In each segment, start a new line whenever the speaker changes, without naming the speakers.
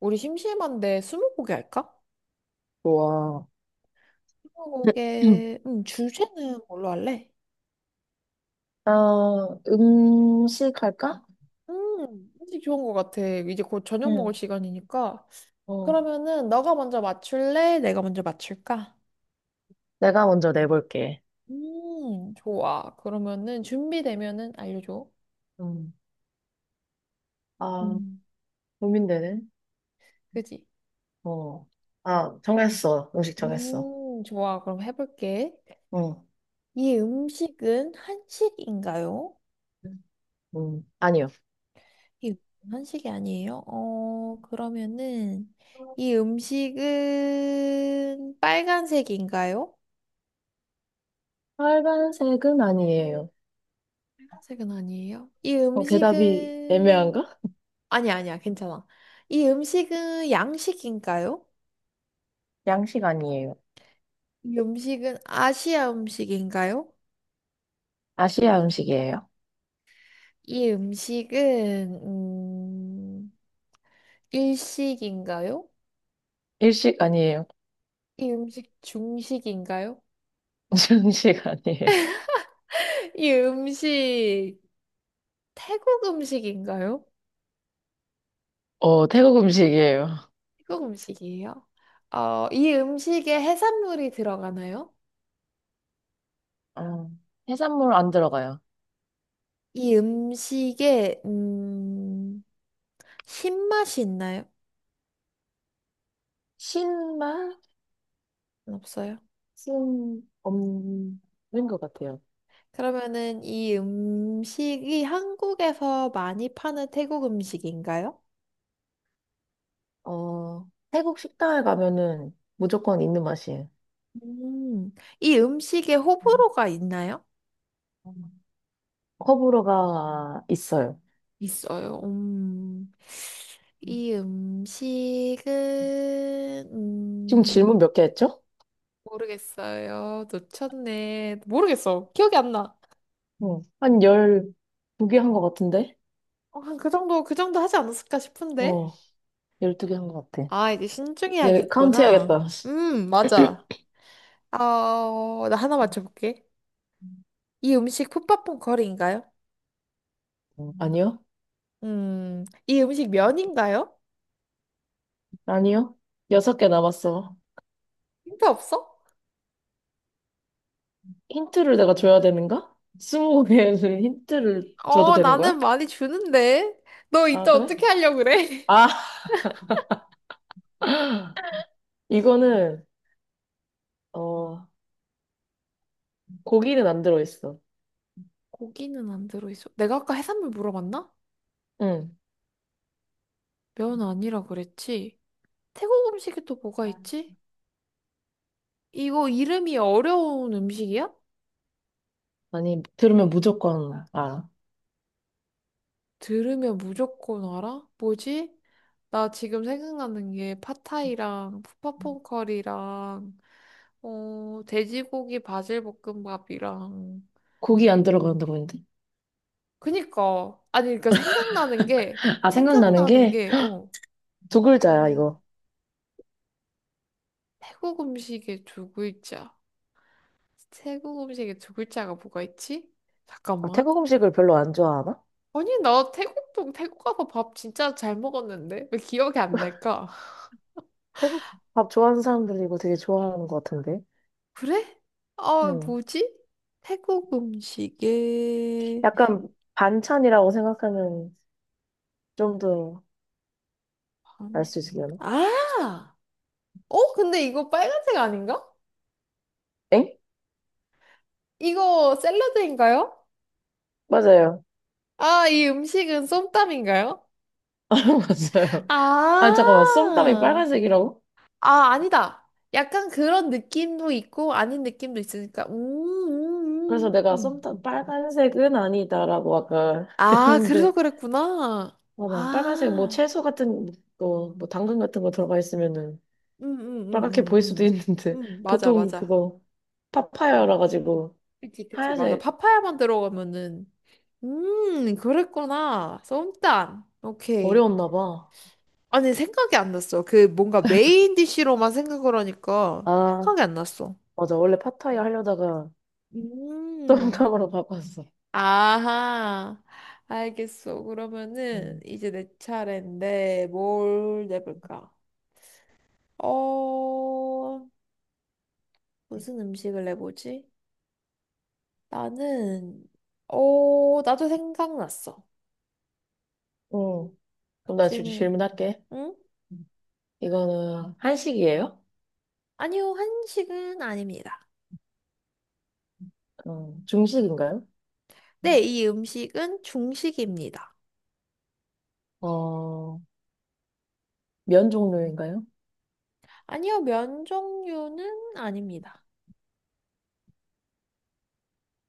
우리 심심한데 스무고개 할까?
좋아.
스무고개 주제는 뭘로 할래?
아, 음식 할까?
음식 좋은 것 같아. 이제 곧 저녁 먹을
응,
시간이니까.
어,
그러면은 너가 먼저 맞출래? 내가 먼저 맞출까?
내가 먼저 내볼게.
좋아. 그러면은 준비되면은 알려줘.
응. 아,
음,
고민되네.
그지?
어. 아, 정했어. 음식 정했어.
좋아. 그럼 해볼게.
응.
이 음식은 한식인가요?
음. 아니요.
이 한식이 아니에요? 그러면은 이 음식은 빨간색인가요?
빨간색은 아니에요.
빨간색은 아니에요. 이
어, 대답이
음식은
애매한가?
아니 야 아니야. 괜찮아. 이 음식은 양식인가요?
양식 아니에요.
이 음식은 아시아 음식인가요?
아시아 음식이에요.
이 음식은 일식인가요?
일식 아니에요.
이 음식 중식인가요?
중식 아니에요.
이 음식 태국 음식인가요?
어, 태국 음식이에요.
태국 음식이에요? 이 음식에 해산물이 들어가나요?
어. 해산물 안 들어가요.
이 음식에 신맛이 있나요?
신맛?
없어요.
없는 것 같아요.
그러면은 이 음식이 한국에서 많이 파는 태국 음식인가요?
어, 태국 식당에 가면은 무조건 있는 맛이에요.
음, 이 음식에 호불호가 있나요?
커브로가 있어요.
있어요. 이 음식은
지금 질문 몇 개 했죠?
모르겠어요. 놓쳤네. 모르겠어. 기억이 안 나.
응. 한 12개 한 것 같은데?
그 정도 하지 않았을까 싶은데?
어, 12개 한 것 같아.
아, 이제
이제 카운트
신중해야겠구나.
해야겠다.
맞아. 나 하나 맞춰볼게. 이 음식 풋밥퐁 거리인가요?
아니요?
이 음식 면인가요?
아니요? 여섯 개 남았어.
힌트 없어?
힌트를 내가 줘야 되는가? 스무 개는 힌트를 줘도 되는
나는
거야?
많이 주는데. 너
아,
이따
그래?
어떻게 하려고 그래?
아, 이거는, 어, 고기는 안 들어있어.
고기는 안 들어있어. 내가 아까 해산물 물어봤나?
응.
면 아니라 그랬지. 태국 음식에 또 뭐가 있지? 이거 이름이 어려운 음식이야?
아니, 들으면 무조건 알아.
들으면 무조건 알아? 뭐지? 나 지금 생각나는 게 팟타이랑 푸파퐁커리랑 돼지고기 바질 볶음밥이랑
고기 안 들어간다고 했는데.
그니까 아니 그러니까 생각나는 게
아, 생각나는
생각나는
게
게
두 글자야,
어,
이거.
태국 음식의 두 글자 태국 음식의 두 글자가 뭐가 있지?
아,
잠깐만
태국 음식을 별로 안 좋아하나?
아니 나 태국도 태국 가서 밥 진짜 잘 먹었는데 왜 기억이 안 날까?
태국 밥 좋아하는 사람들이 이거 되게 좋아하는 것 같은데.
그래? 아,
응.
뭐지? 태국 음식에
약간 반찬이라고 생각하면 좀 더 알
음.
수 있으려나?
아! 근데 이거 빨간색 아닌가?
엥?
이거 샐러드인가요?
맞아요.
아, 이 음식은 쏨땀인가요?
맞아요. 아,
아,
잠깐만. 쏨땀이 빨간색이라고?
아, 아니다. 약간 그런 느낌도 있고, 아닌 느낌도 있으니까.
그래서 내가
음.
쏨땀 빨간색은 아니다라고 아까
아, 그래서
했는데
그랬구나.
맞아. 빨간색 뭐
아,
채소 같은 거, 뭐 당근 같은 거 들어가 있으면은
음, 음,
빨갛게
음,
보일 수도 있는데
맞아,
보통
맞아.
그거 파파야라 가지고
그치, 그치, 맞아.
하얀색
파파야만 들어가면은. 그랬구나. 쏨땀. 오케이.
어려웠나 봐.
아니, 생각이 안 났어. 그 뭔가 메인 디쉬로만 생각을 하니까
아,
생각이 안 났어.
맞아. 원래 파타야 하려다가
음.
똥감으로 바꿨어.
아하. 알겠어. 그러면은
음,
이제 내 차례인데 뭘 내볼까? 어, 무슨 음식을 내보지? 나는, 나도 생각났어.
응. 응. 그럼 나
질문을.
질문할게.
응?
이거는 한식이에요?
아니요, 한식은 아닙니다.
어, 중식인가요?
네, 이 음식은 중식입니다.
어, 면 종류인가요?
아니요, 면 종류는 아닙니다.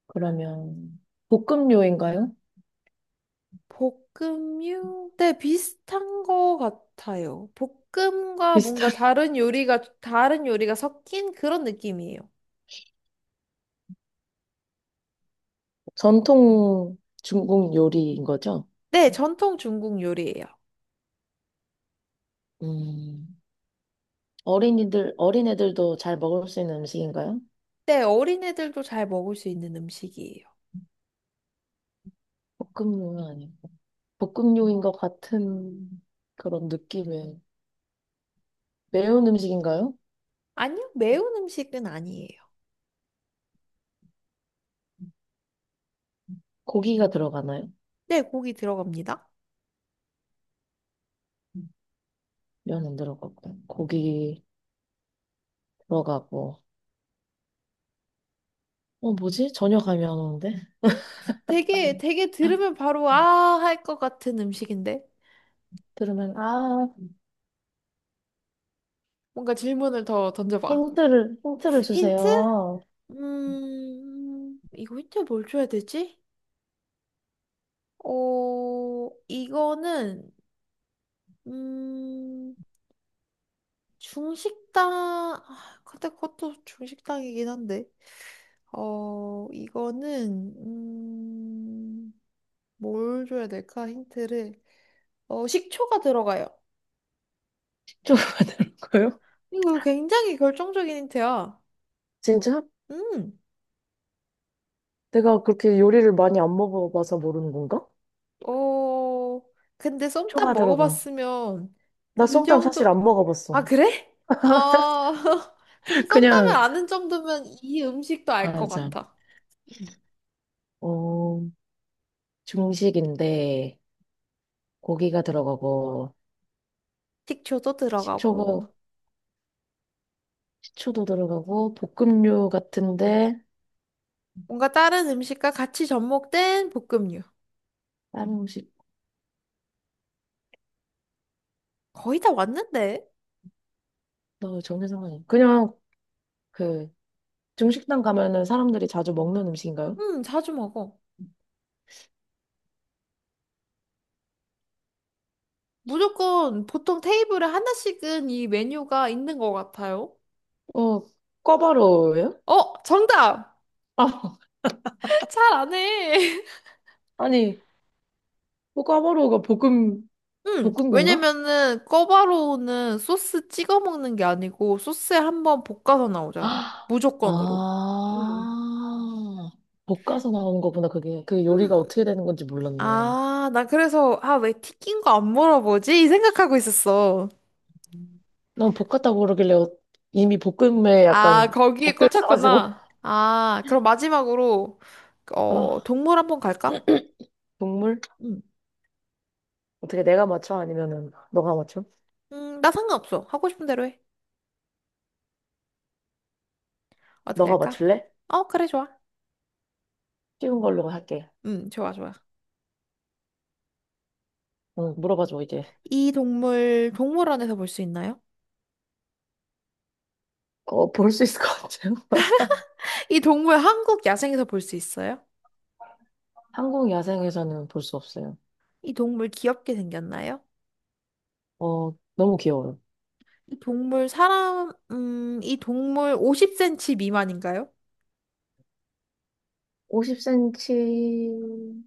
그러면 볶음료인가요?
볶음육? 네, 비슷한 거 같아요. 볶음과 뭔가
비슷한
다른 요리가 섞인 그런 느낌이에요.
전통 중국 요리인 거죠?
네, 전통 중국 요리예요.
음, 어린이들, 어린애들도 잘 먹을 수 있는 음식인가요?
네, 어린애들도 잘 먹을 수 있는 음식이에요.
볶음요는 아니고. 볶음요인 것 같은 그런 느낌의 매운 음식인가요?
아니요, 매운 음식은 아니에요.
고기가 들어가나요?
네, 고기 들어갑니다.
음, 면은 들어가고, 고기 들어가고. 어, 뭐지? 전혀 감이 안 오는데?
되게 들으면 바로 아, 할 것 같은 음식인데.
들으면, 아,
뭔가 질문을 더 던져봐.
힌트를
힌트?
주세요.
이거 힌트 뭘 줘야 되지? 이거는 음, 중식당, 아, 근데 그것도 중식당이긴 한데, 이거는, 뭘 줘야 될까, 힌트를. 식초가 들어가요.
식초가 들어가요?
이거 굉장히 결정적인 힌트야.
진짜?
음.
내가 그렇게 요리를 많이 안 먹어봐서 모르는 건가?
어, 근데 쏨땀
초가 들어가.
먹어봤으면,
나
이
쏨땀 사실
정도,
안
아,
먹어봤어.
그래? 아, 근데 쏨땀을
그냥,
아는 정도면 이 음식도 알 것
아, 참.
같아. 음,
어, 중식인데, 고기가 들어가고,
식초도 들어가고.
식초가, 식초도 들어가고, 볶음류 같은데,
뭔가 다른 음식과 같이 접목된 볶음류.
다른 음식,
거의 다 왔는데?
너 전혀 상관이. 그냥, 그, 중식당 가면은 사람들이 자주 먹는 음식인가요?
자주 먹어. 무조건 보통 테이블에 하나씩은 이 메뉴가 있는 것 같아요.
어, 꿔바로우예요?
어, 정답!
아,
잘 안 해.
아니, 뭐 꿔바로우가 볶음, 볶은 건가?
왜냐면은 꿔바로우는 소스 찍어 먹는 게 아니고 소스에 한번 볶아서 나오잖아.
아,
무조건으로. 음.
아, 볶아서 나오는 거구나, 그게. 그 요리가
음.
어떻게 되는 건지 몰랐네.
아, 나 그래서, 아, 왜 튀긴 거 안 물어보지? 이 생각하고 있었어.
난 볶았다 그러길래 어- 이미 볶음에
아,
약간
거기에
묶여 있어가지고.
꽂혔구나. 아, 그럼 마지막으로,
아,
동물 한번 갈까?
국물?
응.
어떻게 내가 맞춰? 아니면은 너가 맞춰?
나 상관없어. 하고 싶은 대로 해. 어떻게
너가
할까?
맞출래?
어, 그래, 좋아.
쉬운 걸로 할게.
응, 좋아, 좋아.
응, 물어봐줘, 이제.
이 동물, 동물원에서 볼 수 있나요?
어, 볼 수 있을 것 같아요?
이 동물 한국 야생에서 볼 수 있어요?
한국 야생에서는 볼 수 없어요.
이 동물 귀엽게 생겼나요?
어, 너무 귀여워요.
이 동물 50cm 미만인가요?
50cm,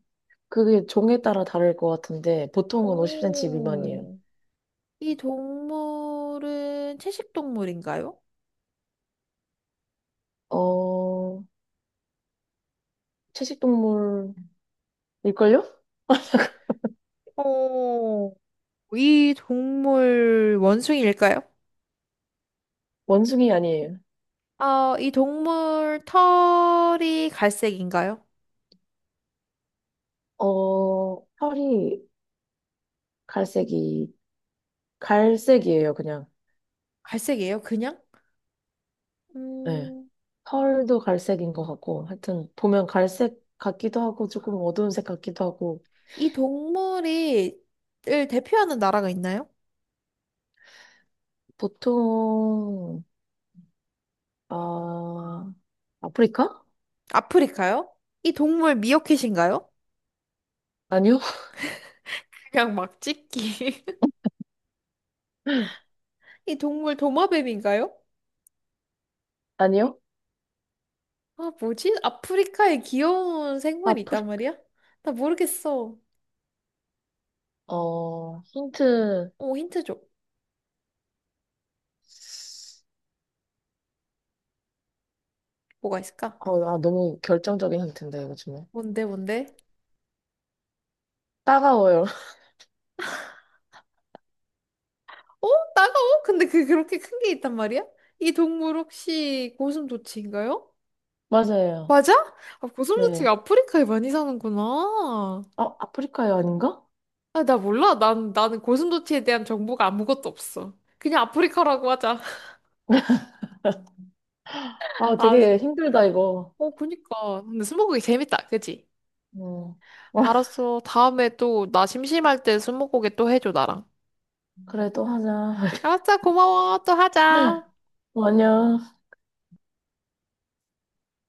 그게 종에 따라 다를 것 같은데, 보통은 50cm 미만이에요.
오. 이 동물은 채식 동물인가요?
어, 채식동물일걸요?
오... 이 동물 원숭이일까요?
원숭이 아니에요.
이 동물 털이 갈색인가요?
어, 털이 갈색이, 갈색이에요, 그냥.
갈색이에요, 그냥?
네.
음,
펄도 갈색인 것 같고, 하여튼, 보면 갈색 같기도 하고, 조금 어두운 색 같기도 하고,
이 동물이 을 대표하는 나라가 있나요?
보통, 아, 아프리카?
아프리카요? 이 동물 미어캣인가요?
아니요?
그냥 막 찍기. 이 동물 도마뱀인가요?
아니요?
아, 뭐지? 아프리카에 귀여운 생물이 있단
아프리카,
말이야? 나 모르겠어.
어, 힌트,
힌트 줘. 뭐가 있을까?
어, 아, 너무 결정적인 힌트인데, 이거 정말.
뭔데, 뭔데?
따가워요.
어? 따가워? 근데 그렇게 큰 게 있단 말이야? 이 동물 혹시 고슴도치인가요?
맞아요.
맞아? 아, 고슴도치가
네.
아프리카에 많이 사는구나.
어, 아프리카요, 아닌가?
아, 나 몰라. 나는 고슴도치에 대한 정보가 아무것도 없어. 그냥 아프리카라고 하자.
아,
아,
되게 힘들다, 이거.
어, 그니까. 근데 스무고개 재밌다. 그치?
음.
알았어. 다음에 또 나 심심할 때 스무고개 또 해줘, 나랑.
그래도 하자.
알았어. 고마워. 또 하자.
아니야.